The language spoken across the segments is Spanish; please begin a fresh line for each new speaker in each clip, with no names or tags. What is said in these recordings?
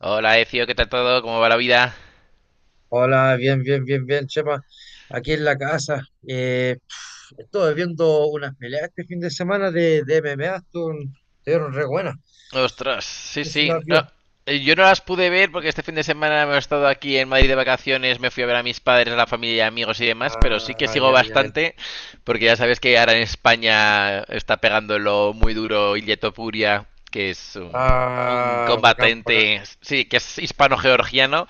Hola, Ecio, ¿qué tal todo? ¿Cómo va la vida?
Hola, bien, bien, bien, bien, Chema. Aquí en la casa. Estuve viendo unas peleas este fin de semana de MMA. Estuvieron re buenas. No
Ostras, sí,
sé si
sí.
las
No,
vio.
yo no las pude ver porque este fin de semana me he estado aquí en Madrid de vacaciones, me fui a ver a mis padres, a la familia, amigos y demás, pero sí que
Ah,
sigo
ya, ya, ya.
bastante porque ya sabes que ahora en España está pegándolo muy duro Ilieto Puria, que es un
Ah, bacán, bacán.
combatiente, sí, que es hispano-georgiano.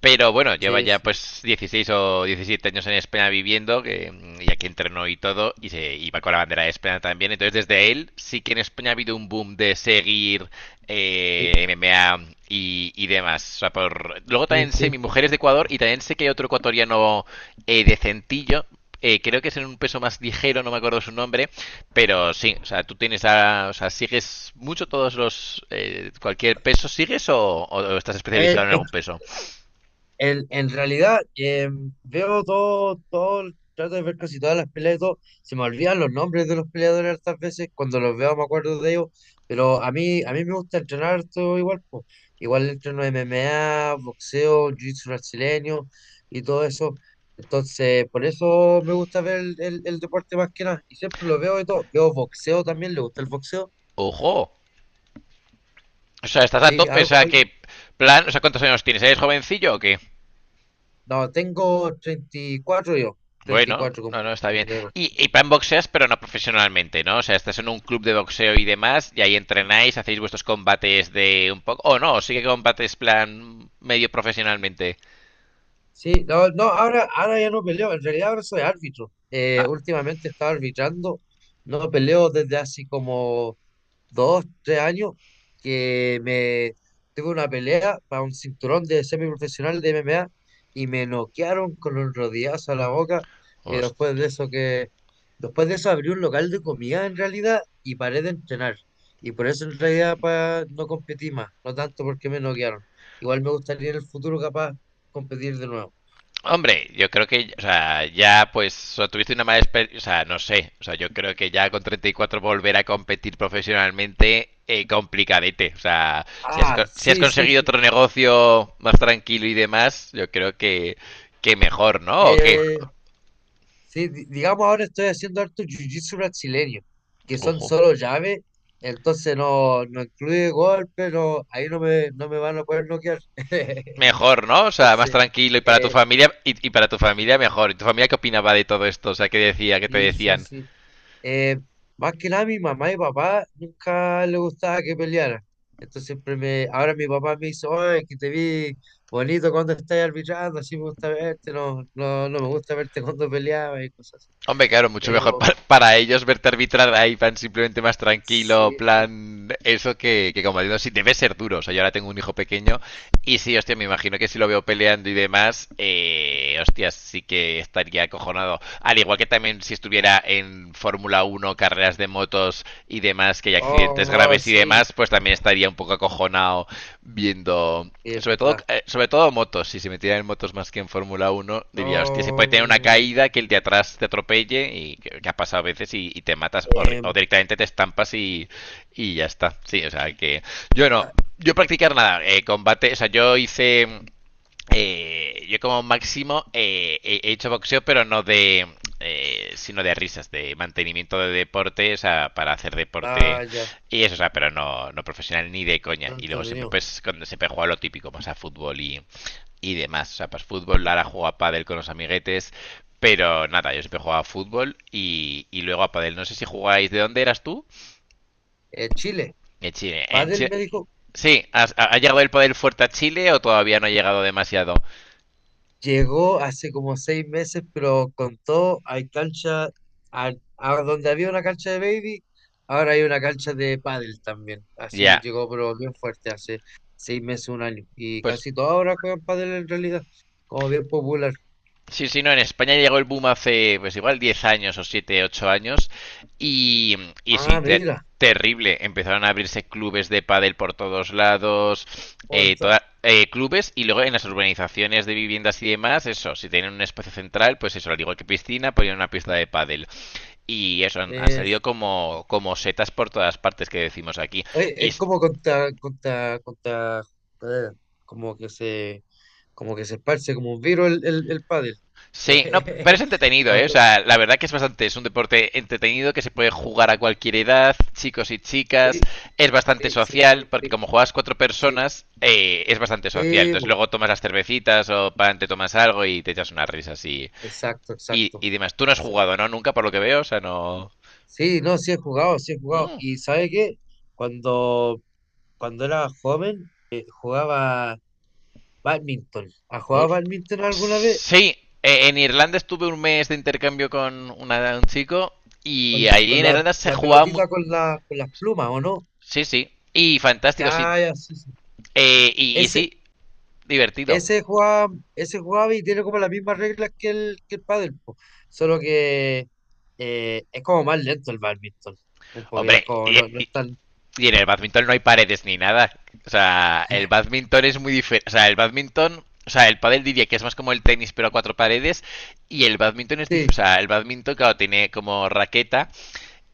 Pero bueno, lleva
Sí,
ya
sí,
pues 16 o 17 años en España viviendo, y aquí entrenó y todo, y se iba con la bandera de España también. Entonces desde él sí que en España ha habido un boom de seguir
sí,
MMA y demás. O sea, luego
sí,
también sé, mi
sí.
mujer es de Ecuador y también sé que hay otro ecuatoriano decentillo, creo que es en un peso más ligero, no me acuerdo su nombre, pero sí, o sea, o sea, sigues mucho todos los, cualquier peso, ¿sigues o estás
Eh,
especializado en
Es,
algún peso?
En realidad, veo todo, todo, trato de ver casi todas las peleas y todo. Se me olvidan los nombres de los peleadores hartas veces, cuando los veo me acuerdo de ellos, pero a mí me gusta entrenar todo igual, po. Igual entreno MMA, boxeo, jiu-jitsu brasileño y todo eso. Entonces, por eso me gusta ver el deporte más que nada. Y siempre lo veo y todo. Veo boxeo también, le gusta el boxeo.
Ojo. O sea, estás a
Sí,
tope. O
algo,
sea, que
algo.
plan. O sea, ¿cuántos años tienes? ¿Eres jovencillo o qué?
No, tengo 34 yo,
Bueno,
34
no, no,
cumplí
está
en
bien.
febrero.
Y plan boxeas, pero no profesionalmente, ¿no? O sea, estás en un club de boxeo y demás, y ahí entrenáis, hacéis vuestros combates de un poco. O oh, no, sí que combates plan medio profesionalmente.
Sí, no, no, ahora ya no peleo, en realidad ahora soy árbitro.
Ah,
Últimamente he estado arbitrando, no peleo desde hace como 2, 3 años, que me tuve una pelea para un cinturón de semiprofesional de MMA y me noquearon con un rodillazo a la boca. Y
hostia.
después de eso abrí un local de comida en realidad y paré de entrenar. Y por eso en realidad no competí más, no tanto porque me noquearon. Igual me gustaría en el futuro capaz competir de nuevo.
Hombre, yo creo que, o sea, ya pues o sea, tuviste una mala experiencia, o sea, no sé, o sea, yo creo que ya con 34 volver a competir profesionalmente, complicadete, o sea, si has,
Ah,
si has
sí, sí,
conseguido
sí.
otro negocio más tranquilo y demás, yo creo que mejor, ¿no? ¿O qué?
Eh, sí, digamos ahora estoy haciendo harto jiu-jitsu brasileño, que son
Ojo.
solo llaves, entonces no incluye golpe, no, ahí no me van a poder noquear.
Mejor, ¿no? O sea, más
Entonces,
tranquilo y para tu
eh,
familia, y para tu familia mejor. ¿Y tu familia qué opinaba de todo esto? O sea, ¿qué decía, qué te
sí, sí,
decían?
sí. Eh, Más que nada mi mamá y papá nunca le gustaba que peleara. Entonces ahora mi papá me dice, oye, que te vi bonito cuando estás arbitrando, así me gusta verte, no, no, no me gusta verte cuando peleabas y cosas así.
Hombre, claro, mucho mejor
Pero
para ellos verte arbitrar ahí, plan simplemente más tranquilo,
sí, sí.
plan eso que como digo, sí, debe ser duro. O sea, yo ahora tengo un hijo pequeño y sí, hostia, me imagino que si lo veo peleando y demás, hostia, sí que estaría acojonado. Al igual que también si estuviera en Fórmula Uno carreras de motos y demás, que hay accidentes
Oh,
graves y
sí,
demás, pues también estaría un poco acojonado viendo.
sí, es verdad.
Sobre todo motos, si se metiera en motos más que en Fórmula Uno diría, hostia, se puede tener una
No,
caída que el de atrás te atropelle que ha pasado a veces y te matas o
em,
directamente te estampas y ya está. Sí, o sea que yo no,
ta-
yo practicar nada, combate, o sea, yo como máximo he hecho boxeo, pero no de, sino de risas, de mantenimiento de deporte, o sea, para hacer deporte
ah, ya,
y eso, o sea, pero no, no profesional ni de coña.
pero
Y luego siempre,
entretenido.
pues, cuando siempre he jugado lo típico, más a fútbol y demás. O sea, pues fútbol, Lara juega a pádel con los amiguetes, pero nada, yo siempre jugaba a fútbol y luego a pádel. No sé si jugáis, ¿de dónde eras tú?
Chile.
En Chile.
Padel me dijo,
Sí, ¿ha, ha llegado el poder fuerte a Chile o todavía no ha llegado demasiado?
llegó hace como 6 meses, pero contó, hay cancha, a, a donde había una cancha de baby, ahora hay una cancha de pádel también. Así
Ya.
llegó, pero bien fuerte, hace 6 meses, un año. Y
Pues
casi todos ahora juegan pádel en realidad, como bien popular.
sí, sí, no, en España llegó el boom hace, pues igual 10 años o 7, 8 años y, y sí,
Ah, mira,
terrible. Empezaron a abrirse clubes de pádel por todos lados,
por eso.
clubes y luego en las urbanizaciones de viviendas y demás, eso, si tienen un espacio central, pues eso, al igual que piscina, ponían una pista de pádel. Y eso, han
eh,
salido como, como setas por todas partes que decimos aquí.
Oye,
Y
es como eh, como que se, como que se esparce como un virus el pádel.
sí, no, pero es entretenido, ¿eh? O
Cuando-
sea, la verdad que es bastante, es un deporte entretenido que se puede jugar a cualquier edad, chicos y chicas,
Sí,
es bastante
sí, sí,
social,
sí,
porque
sí,
como juegas cuatro
sí,
personas, es bastante social.
sí,
Entonces luego tomas las cervecitas o pan, te tomas algo y te echas unas risas
exacto, exacto,
y demás. Tú no has
exacto.
jugado, ¿no? Nunca, por lo que veo, o sea, no.
Sí, no, sí he jugado, sí he jugado.
Mm,
Y ¿sabe qué? Cuando, cuando era joven, jugaba badminton. ¿Has jugado
host-
badminton alguna vez?
sí, en Irlanda estuve un mes de intercambio con un chico y
Con,
ahí
con
en
la,
Irlanda se
la
jugaba
pelotita con con las plumas, ¿o no?
sí, sí. Y fantástico, sí.
Ya, ya, sí, sí.
Y
Ese,
sí, divertido.
Ese juega, Ese jugaba y tiene como las mismas reglas que el pádel, po. Solo que es como más lento el bádminton. Un poquito, es
Hombre,
como no es tan.
y en el badminton no hay paredes ni nada. O sea, el badminton es muy diferente. O sea, el badminton. O sea, el pádel diría que es más como el tenis, pero a cuatro paredes. Y el badminton es
Sí,
diferente. O sea, el badminton, claro, tiene como raqueta.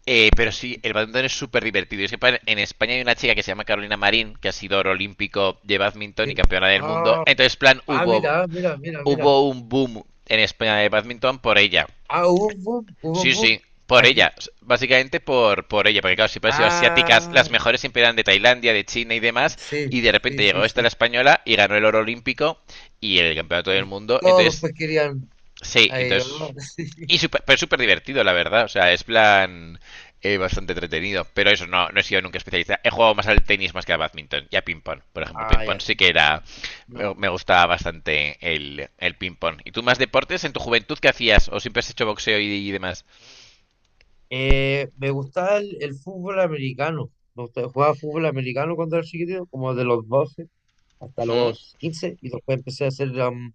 Pero sí, el badminton es súper divertido. Es que en España hay una chica que se llama Carolina Marín, que ha sido oro olímpico de badminton y
sí.
campeona del mundo.
Ah,
Entonces, plan,
mira, ah, mira, mira, mira.
hubo un boom en España de badminton por ella.
Ah, hubo un boom, hubo un
Sí,
boom.
sí, por
Aquí.
ella. Básicamente por ella, porque claro, siempre han sido asiáticas.
Ah,
Las mejores siempre eran de Tailandia, de China y demás.
sí,
Y de
sí,
repente llegó
sí,
esta la
sí.
española y ganó el oro olímpico y el campeonato del
Y
mundo.
todos
Entonces,
pues querían
sí,
a ellos, ¿no?
entonces.
Sí.
Y súper pero súper divertido, la verdad. O sea, es plan bastante entretenido. Pero eso, no, no he sido nunca especialista. He jugado más al tenis más que al badminton y a ping-pong. Por ejemplo,
Ah,
ping-pong
ya.
sí que era.
No.
Me gustaba bastante el ping-pong. ¿Y tú más deportes en tu juventud qué hacías? ¿O siempre has hecho boxeo y demás?
Me gustaba el fútbol americano. Me gustaba, jugaba fútbol americano cuando era chiquitito, como de los 12 hasta
Ujú.
los 15 y después empecé a hacer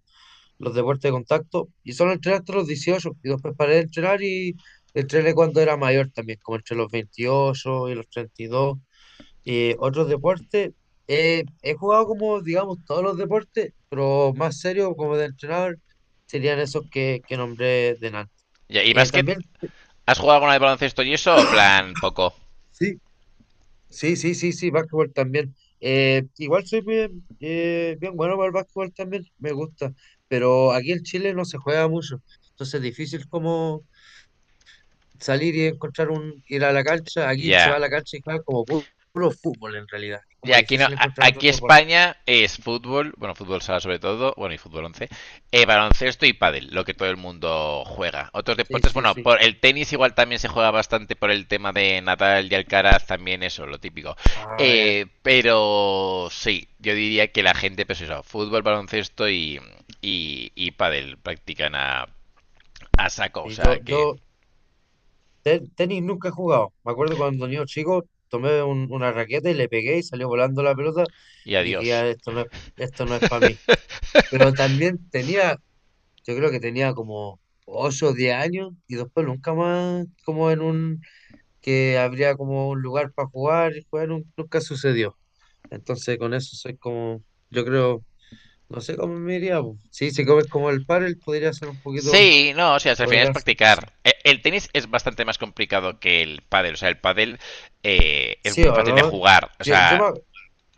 los deportes de contacto y solo entrené hasta los 18 y después paré de entrenar y entrené cuando era mayor también, como entre los 28 y los 32 y otros deportes. He jugado como, digamos, todos los deportes, pero más serio como de entrenar serían esos que nombré de antes.
Ya, ¿y básquet?
También,
¿Has jugado alguna vez baloncesto y eso o plan poco?
sí, sí, sí, sí, sí, básquetbol también. Igual soy bien, bien bueno para el básquetbol también, me gusta, pero aquí en Chile no se juega mucho, entonces es difícil como salir y encontrar ir a la cancha, aquí se va
Ya.
a la cancha y juega como puro, fútbol en realidad, es
Y
como
aquí no,
difícil encontrar
aquí
otros deportes.
España es fútbol, bueno, fútbol sala sobre todo, bueno, y fútbol once, baloncesto y pádel, lo que todo el mundo juega. Otros
Sí,
deportes,
sí,
bueno,
sí.
por el tenis igual también se juega bastante por el tema de Nadal y Alcaraz, también eso, lo típico.
Ah, ya.
Pero sí, yo diría que la gente, pues eso, fútbol, baloncesto y pádel practican a saco, o
Y
sea
yo,
que.
yo te- tenis nunca he jugado, me acuerdo cuando niño chico tomé una raqueta y le pegué y salió volando la pelota,
Y
dije
adiós.
ya, esto no es para mí, pero yo creo que tenía como 8 o 10 años y después nunca más como en un que habría como un lugar para jugar y jugar nunca sucedió. Entonces con eso soy como, yo creo, no sé cómo me iría, po. Sí, si comes como el pádel podría ser un poquito,
Sí, no, o sea, al final es
podría ser que sí.
practicar. El tenis es bastante más complicado que el pádel, o sea, el pádel es
Sí
muy
o
fácil de
no.
jugar, o
Yo, yo me,
sea,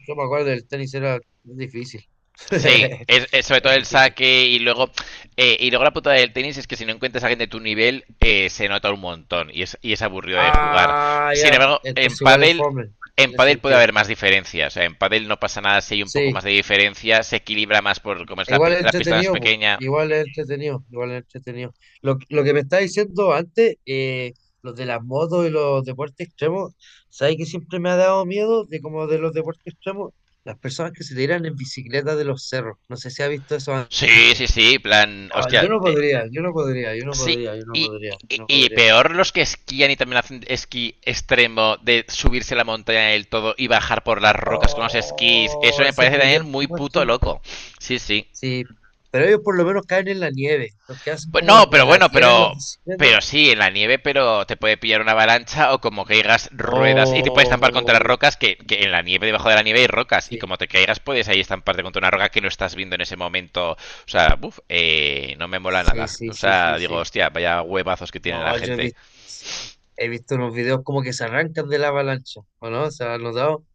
yo me acuerdo del tenis era difícil.
sí, es sobre todo
Es
el
difícil.
saque y luego la putada del tenis es que si no encuentras a alguien de tu nivel se nota un montón y es aburrido de jugar.
Ah,
Sin
ya.
embargo,
Entonces igual es fome
en
en ese
pádel puede
sentido.
haber más diferencias, o sea, en pádel no pasa nada si hay un poco
Sí,
más de diferencia, se equilibra más por como es
igual es
la pista más
entretenido, po.
pequeña.
Igual es entretenido, igual es entretenido. Lo que me estaba diciendo antes, los de las motos y los deportes extremos, ¿sabes que siempre me ha dado miedo de como de los deportes extremos? Las personas que se tiran en bicicleta de los cerros. No sé si has visto eso
Sí,
antes.
sí, sí, plan,
Ah, yo
hostia,
no podría, yo no podría, yo no
sí,
podría, yo no podría, yo no
y
podría.
peor los que esquían y también hacen esquí extremo de subirse a la montaña del todo y bajar por las rocas con los esquís. Eso
Oh,
me
esos
parece
videos
también
que
muy puto
muestran.
loco. Sí, sí.
Sí, pero ellos por lo menos caen en la nieve. Los que hacen
Pues
como en,
no, pero
en la
bueno,
tierra en las
pero.
bicicletas.
Pero sí, en la nieve, pero te puede pillar una avalancha o como caigas ruedas y te puedes estampar contra las
Oh,
rocas, que en la nieve, debajo de la nieve hay rocas, y
sí,
como te caigas puedes ahí estamparte contra una roca que no estás viendo en ese momento. O sea, buf, no me mola
sí,
nada.
sí,
O
sí,
sea,
sí,
digo,
sí.
hostia, vaya huevazos que tiene la
No, yo
gente.
he visto unos videos como que se arrancan de la avalancha, ¿o no? ¿Se han notado?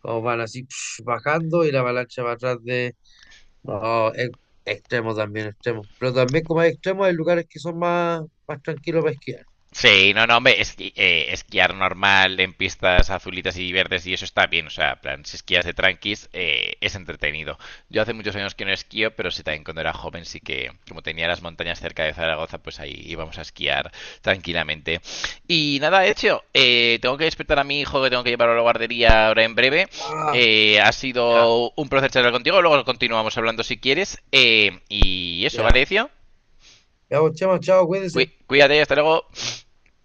Como van así bajando y la avalancha va atrás de... No, es extremo también, extremo. Pero también como hay extremos, hay lugares que son más tranquilos para esquiar.
Sí, no, no, hombre, esquiar normal en pistas azulitas y verdes y eso está bien, o sea, en plan, si esquías de tranquis, es entretenido. Yo hace muchos años que no esquío, pero sí también cuando era joven sí que, como tenía las montañas cerca de Zaragoza, pues ahí íbamos a esquiar tranquilamente. Y nada, hecho, tengo que despertar a mi hijo que tengo que llevarlo a la guardería ahora en breve.
Ah,
Ha
ya,
sido un placer charlar contigo, luego continuamos hablando si quieres. Y eso, ¿vale,
ya.
Ezio?
Ya, pues, chamo, chao, cuídense.
Cuídate, hasta luego.